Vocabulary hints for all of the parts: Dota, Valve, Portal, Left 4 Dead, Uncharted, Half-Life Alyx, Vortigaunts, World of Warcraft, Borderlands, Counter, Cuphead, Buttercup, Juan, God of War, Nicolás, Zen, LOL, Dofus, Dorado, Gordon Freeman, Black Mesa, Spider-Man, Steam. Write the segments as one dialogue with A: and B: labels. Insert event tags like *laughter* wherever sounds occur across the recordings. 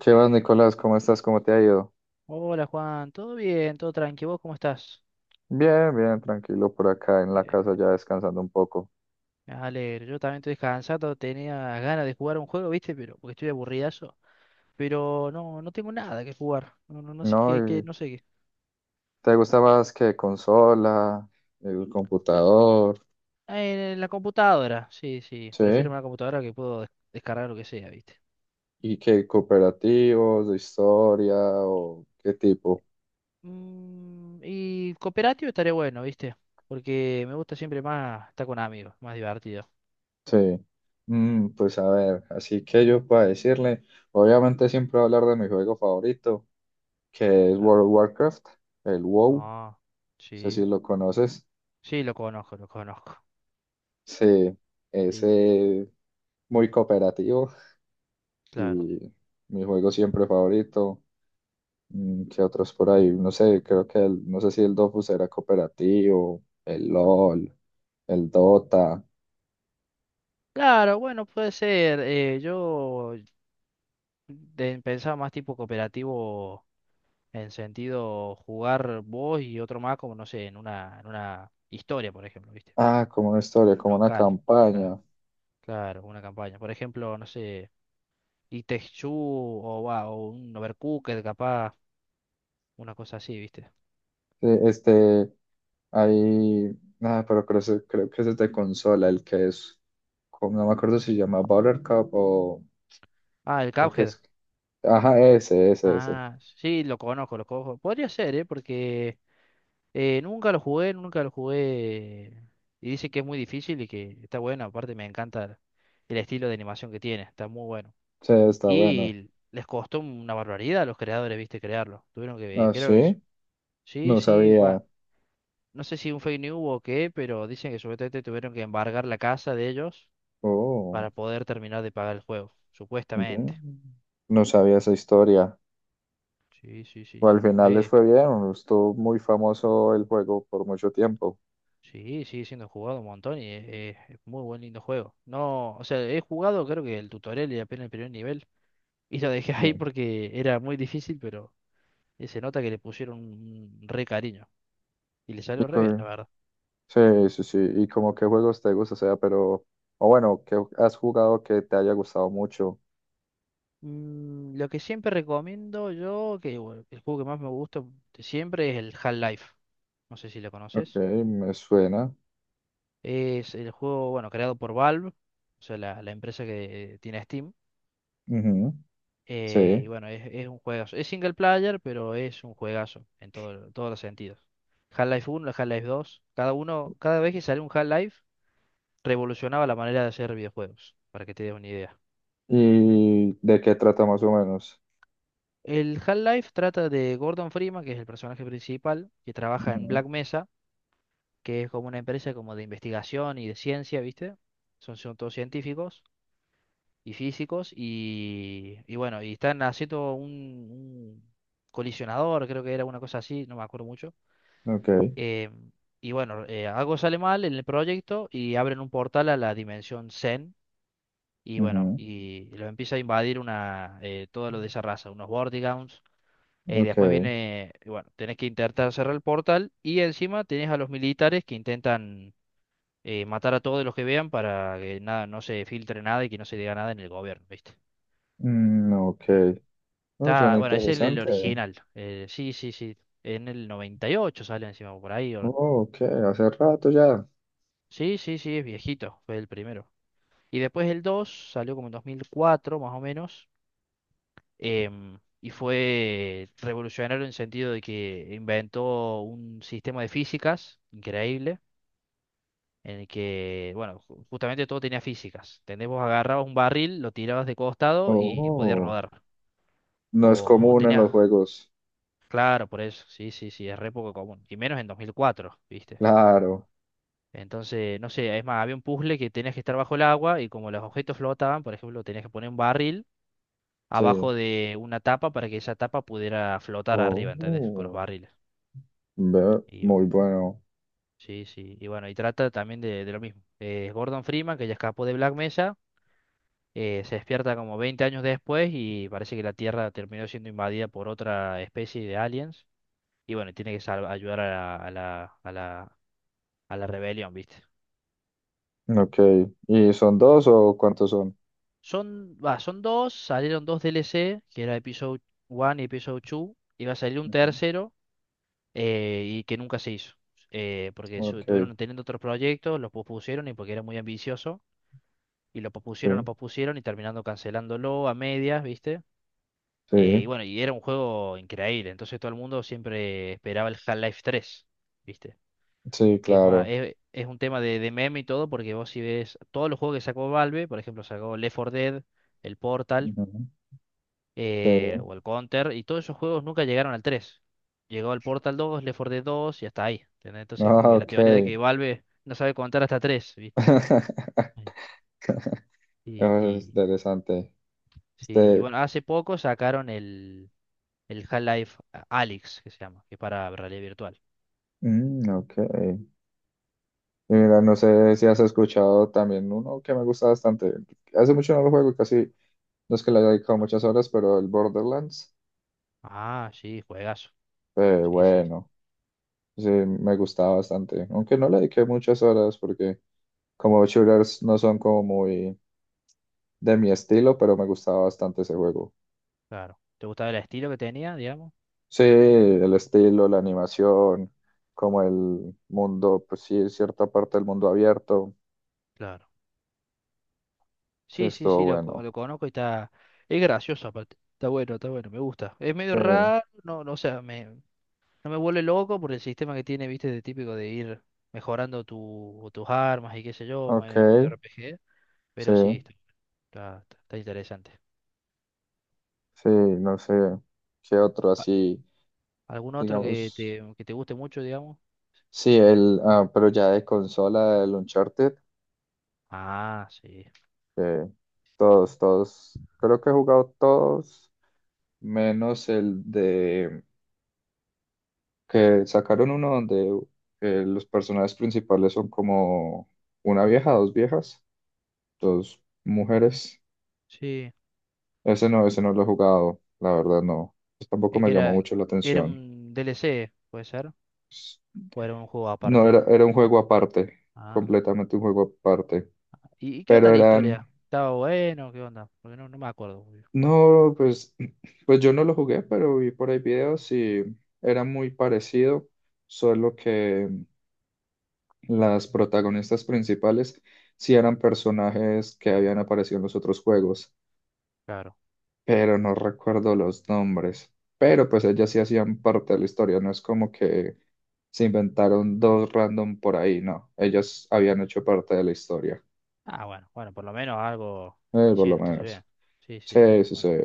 A: Chivas, Nicolás, ¿cómo estás? ¿Cómo te ha ido?
B: Hola Juan, todo bien, todo tranquilo, ¿vos cómo estás?
A: Bien, bien, tranquilo por acá en la casa
B: Bien,
A: ya descansando un poco.
B: me alegro, yo también estoy descansado, tenía ganas de jugar un juego, ¿viste? Pero, porque estoy aburridazo, pero no, no tengo nada que jugar, no sé
A: ¿No?
B: qué,
A: ¿Y
B: no sé qué.
A: ¿Te gusta más que consola, el computador?
B: Ah, en la computadora, sí, sí,
A: ¿Sí?
B: prefiero una computadora que puedo descargar lo que sea, ¿viste?
A: ¿Y qué cooperativos, de historia o qué tipo?
B: Y cooperativo estaría bueno, ¿viste? Porque me gusta siempre más estar con amigos, más divertido.
A: Sí. Pues a ver, así que yo puedo decirle, obviamente siempre voy a hablar de mi juego favorito, que es
B: Ah,
A: World of Warcraft, el WoW, no
B: ah,
A: sé
B: sí,
A: si lo conoces.
B: sí, lo conozco, lo conozco.
A: Sí,
B: Sí,
A: ese muy cooperativo.
B: claro.
A: Y mi juego siempre favorito. ¿Qué otros por ahí? No sé, creo que no sé si el Dofus era cooperativo, el LOL, el Dota.
B: Claro, bueno, puede ser. Yo pensaba más tipo cooperativo en sentido jugar vos y otro más, como no sé, en una historia, por ejemplo, ¿viste?
A: Ah, como una historia, como una
B: Local, claro,
A: campaña.
B: claro, una campaña. Por ejemplo, no sé, It o, va, o un Overcooked, capaz, una cosa así, ¿viste?
A: Sí, ahí, nada, pero creo, creo que ese es de consola, el que es, no me acuerdo si se llama Buttercup o
B: Ah, el
A: el que
B: Cuphead.
A: es, ajá, ese, ese, ese.
B: Ah, sí, lo conozco, lo conozco. Podría ser, ¿eh? Porque nunca lo jugué, nunca lo jugué. Y dice que es muy difícil y que está bueno. Aparte me encanta el estilo de animación que tiene, está muy bueno.
A: Sí, está bueno.
B: Y les costó una barbaridad a los creadores, viste, crearlo. Tuvieron que,
A: Ah,
B: creo que eso.
A: sí,
B: Sí,
A: no
B: sí,
A: sabía.
B: va. No sé si un fake news o qué, pero dicen que supuestamente tuvieron que embargar la casa de ellos
A: Oh,
B: para poder terminar de pagar el juego,
A: ve,
B: supuestamente.
A: no sabía esa historia.
B: Sí, sí, sí,
A: O al
B: sí.
A: final les
B: Eh,
A: fue bien, estuvo muy famoso el juego por mucho tiempo.
B: Sí, sigue siendo jugado un montón y es muy buen lindo juego. No, o sea, he jugado creo que el tutorial y apenas el primer nivel *laughs* y lo dejé ahí
A: No.
B: porque era muy difícil, pero se nota que le pusieron un re cariño y le
A: Y
B: salió re bien,
A: co-
B: la verdad.
A: sí, sí, sí, y como qué juegos te gusta, o sea, pero, o bueno, ¿qué has jugado que te haya gustado mucho?
B: Lo que siempre recomiendo yo, que bueno, el juego que más me gusta de siempre es el Half-Life. No sé si lo
A: Ok,
B: conoces.
A: me suena.
B: Es el juego, bueno, creado por Valve, o sea, la empresa que tiene Steam.
A: Ujú, sí.
B: Bueno, es un juegazo. Es single player, pero es un juegazo en todo, todos los sentidos. Half-Life uno, Half-Life dos, cada uno, cada vez que sale un Half-Life, revolucionaba la manera de hacer videojuegos, para que te des una idea.
A: ¿Y de qué trata más o menos?
B: El Half-Life trata de Gordon Freeman, que es el personaje principal, que trabaja en
A: Ujú,
B: Black Mesa, que es como una empresa como de investigación y de ciencia, ¿viste? Son todos científicos y físicos y bueno, y están haciendo un colisionador, creo que era una cosa así, no me acuerdo mucho.
A: ok,
B: Eh, algo sale mal en el proyecto y abren un portal a la dimensión Zen. Y bueno,
A: ujú,
B: y lo empieza a invadir una, todo lo de esa raza, unos Vortigaunts.
A: ok,
B: Después viene, y bueno, tenés que intentar cerrar el portal y encima tenés a los militares que intentan matar a todos los que vean para que nada, no se filtre nada y que no se diga nada en el gobierno, ¿viste?
A: mm, ok.
B: Eh,
A: Oh,
B: Está,
A: suena
B: bueno, ese es el
A: interesante.
B: original. Sí, sí, sí. En el 98 sale encima por ahí.
A: Oh, ok, hace rato ya.
B: Sí, sí, sí, es viejito. Fue el primero. Y después el 2 salió como en 2004, más o menos, y fue revolucionario en el sentido de que inventó un sistema de físicas increíble, en el que, bueno, justamente todo tenía físicas. ¿Entendés? Vos agarrabas un barril, lo tirabas de costado y podía
A: Oh,
B: rodar.
A: no es
B: O
A: común en
B: tenías,
A: los juegos.
B: claro, por eso, sí, sí, sí, es re poco común. Y menos en 2004, ¿viste?
A: Claro,
B: Entonces, no sé, es más, había un puzzle que tenías que estar bajo el agua y como los objetos flotaban, por ejemplo, tenías que poner un barril
A: sí.
B: abajo de una tapa para que esa tapa pudiera flotar arriba, ¿entendés? Con los
A: Oh,
B: barriles.
A: ve,
B: Y bueno,
A: muy bueno.
B: sí, sí. Y bueno, y trata también de lo mismo. Gordon Freeman, que ya escapó de Black Mesa, se despierta como 20 años después y parece que la Tierra terminó siendo invadida por otra especie de aliens. Y bueno, tiene que ayudar a la, a la rebelión, ¿viste?
A: Ok. ¿Y son dos o cuántos son?
B: Son, va, son dos, salieron dos DLC, que era Episode 1 y Episode 2. Iba a salir un
A: Ujú.
B: tercero, que nunca se hizo, porque
A: Ok,
B: estuvieron teniendo otros proyectos, los pospusieron y porque era muy ambicioso, lo
A: sí,
B: pospusieron y terminando cancelándolo a medias, ¿viste?
A: sí,
B: Bueno, y era un juego increíble, entonces todo el mundo siempre esperaba el Half-Life 3, ¿viste?
A: sí,
B: Que es más,
A: claro.
B: es un tema de meme y todo, porque vos si ves todos los juegos que sacó Valve, por ejemplo, sacó Left 4 Dead, el Portal,
A: Ujú. Sí.
B: o el Counter, y todos esos juegos nunca llegaron al tres. Llegó el Portal dos, Left 4 Dead 2 y hasta ahí. ¿Entendés? Entonces, como
A: Ah,
B: que la
A: ok.
B: teoría de que Valve no sabe contar hasta tres, ¿viste? Sí.
A: *laughs*
B: Y,
A: Es
B: y,
A: interesante.
B: sí, y
A: Este,
B: bueno, hace poco sacaron el Half-Life Alyx, que se llama, que es para realidad virtual.
A: mm, ok. Y mira, no sé si has escuchado también uno que me gusta bastante. Hace mucho no lo juego, casi no es que le haya dedicado muchas horas, pero el Borderlands,
B: Ah, sí, juegazo. Sí, sí,
A: bueno, sí, me gustaba bastante. Aunque no le dediqué muchas horas porque como shooters no son como muy de mi estilo, pero me gustaba bastante ese juego.
B: claro. ¿Te gustaba el estilo que tenía, digamos?
A: Sí, el estilo, la animación, como el mundo, pues sí, cierta parte del mundo abierto.
B: Claro.
A: Sí,
B: Sí, sí,
A: estuvo
B: sí, lo,
A: bueno.
B: lo conozco y está... Es gracioso aparte. Está bueno, me gusta. Es medio
A: Sí,
B: raro, o sea, me, no me vuelve loco por el sistema que tiene, viste, de típico de ir mejorando tu, tus armas y qué sé yo,
A: ok,
B: medio RPG.
A: sí,
B: Pero sí, está, está interesante.
A: sí, no sé qué otro
B: A-
A: así,
B: ¿Algún otro que
A: digamos.
B: te guste mucho, digamos?
A: Sí, el, ah, pero ya de consola, el Uncharted,
B: Ah, sí.
A: que todos, todos, creo que he jugado todos, menos el de que sacaron uno donde los personajes principales son como una vieja, dos viejas, dos mujeres.
B: Sí.
A: Ese no lo he jugado, la verdad no. Pues tampoco
B: Es
A: me
B: que
A: llamó
B: era,
A: mucho la
B: era
A: atención.
B: un DLC, puede ser.
A: Pues,
B: O era un juego
A: no,
B: aparte.
A: era, era un juego aparte,
B: Ah.
A: completamente un juego aparte.
B: ¿Y qué
A: Pero
B: onda la historia?
A: eran,
B: ¿Estaba bueno? ¿Qué onda? Porque no, no me acuerdo muy bien.
A: no, pues, *clears throat* pues yo no lo jugué, pero vi por ahí videos y era muy parecido, solo que las protagonistas principales sí eran personajes que habían aparecido en los otros juegos,
B: Claro.
A: pero no recuerdo los nombres. Pero pues ellas sí hacían parte de la historia, no es como que se inventaron dos random por ahí, no. Ellas habían hecho parte de la historia,
B: Ah, bueno. Bueno, por lo menos algo
A: por lo
B: hicieron, entonces
A: menos.
B: bien. Sí, sí, sí.
A: Sí, sí, sí.
B: Bueno.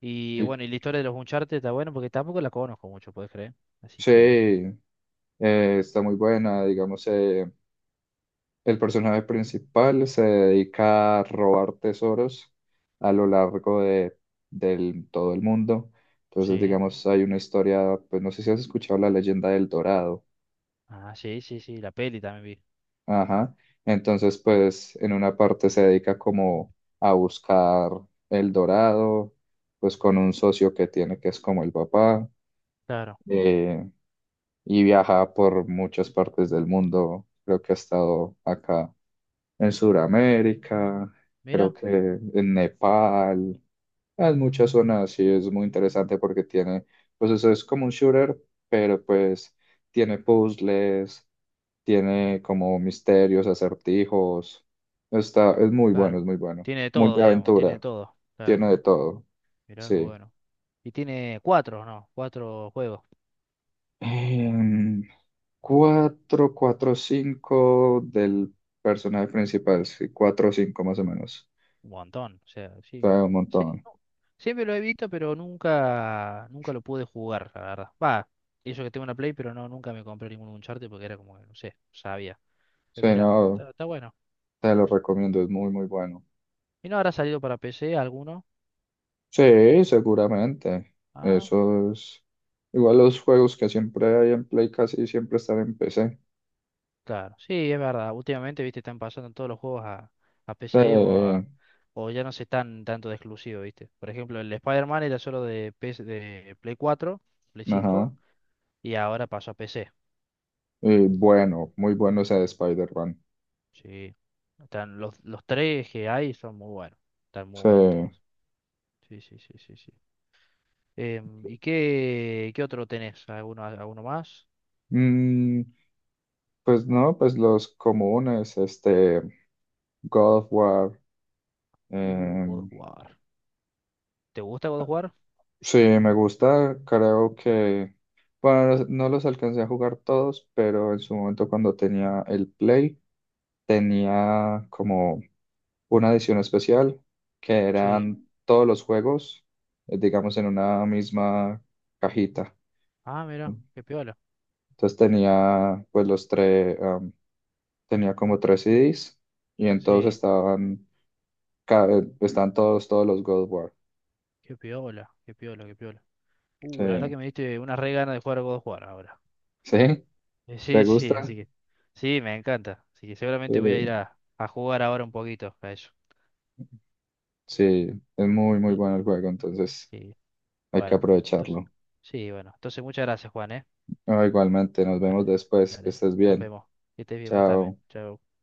B: Y
A: Y-
B: bueno, y la historia de los Uncharted está bueno porque tampoco la conozco mucho, puedes creer. Así
A: sí,
B: que,
A: está muy buena, digamos, el personaje principal se dedica a robar tesoros a lo largo de, todo el mundo. Entonces,
B: sí.
A: digamos, hay una historia, pues no sé si has escuchado la leyenda del Dorado.
B: Ah, sí, sí, sí, la peli también vi.
A: Ajá. Entonces, pues en una parte se dedica como a buscar el Dorado, pues con un socio que tiene que es como el papá,
B: Claro,
A: eh, y viaja por muchas partes del mundo. Creo que ha estado acá en Sudamérica, creo
B: mira,
A: que en Nepal, en muchas zonas sí es muy interesante porque tiene, pues eso es como un shooter, pero pues tiene puzzles, tiene como misterios, acertijos, está,
B: claro.
A: es muy bueno,
B: Tiene de
A: muy
B: todo,
A: de
B: digamos, tiene de
A: aventura,
B: todo. Claro,
A: tiene de todo,
B: mira qué
A: sí.
B: bueno. Y tiene cuatro, ¿no? Cuatro juegos.
A: Em, 4 4, 5 del personaje principal, sí, 4 o 5 más o
B: Un mo-
A: menos,
B: un montón, o sea,
A: o
B: sí.
A: sea, un
B: Sí,
A: montón.
B: no, siempre lo he visto, pero nunca, nunca lo pude jugar, la verdad. Va, eso que tengo una Play, pero no, nunca me compré ningún Uncharted porque era como, que, no sé, sabía. Pero
A: Sí,
B: mira,
A: no,
B: está, está bueno.
A: te lo recomiendo, es muy, muy bueno.
B: ¿Y no habrá salido para PC alguno?
A: Sí, seguramente.
B: Ah,
A: Eso es. Igual los juegos que siempre hay en Play casi siempre están en PC.
B: claro, sí, es verdad. Últimamente, viste, están pasando todos los juegos a PC o a,
A: Sí,
B: o ya no se están tanto de exclusivo, viste. Por ejemplo, el Spider-Man era solo de PS, de Play 4, Play cinco
A: ajá.
B: y ahora pasó a PC.
A: Y bueno, muy bueno ese de Spider-Man.
B: Sí. Están los tres que hay son muy buenos. Están muy
A: Sí.
B: buenos
A: Mm,
B: todos. Sí, sí, sí, sí, sí. ¿Y qué, qué otro tenés? ¿Alguno, alguno más?
A: pues no, pues los comunes, este, God of War,
B: God of
A: em,
B: War. ¿Te gusta God of War?
A: sí, me gusta, creo que, bueno, no los alcancé a jugar todos, pero en su momento cuando tenía el Play, tenía como una edición especial que
B: Sí.
A: eran todos los juegos, digamos, en una misma cajita.
B: Ah, mira, qué piola.
A: Entonces tenía pues los tres, tenía como tres CDs y entonces
B: Sí,
A: estaban, están todos, todos los God of War.
B: qué piola, qué piola, qué piola. La verdad que
A: Sí,
B: me diste una re gana de jugar a God of War ahora.
A: ¿sí? ¿Te
B: Sí, sí, así
A: gustan?
B: que. Sí, me encanta. Así que
A: Sí.
B: seguramente voy a ir a jugar ahora un poquito a eso.
A: Sí, es muy, muy
B: Sí,
A: bueno el juego, entonces
B: sí.
A: hay que
B: Bueno, entonces.
A: aprovecharlo.
B: Sí, bueno. Entonces, muchas gracias, Juan, ¿eh?
A: Ah, igualmente, nos vemos
B: Dale,
A: después, que
B: dale.
A: estés
B: Nos
A: bien.
B: vemos. Que estés bien vos también.
A: Chao.
B: Chao.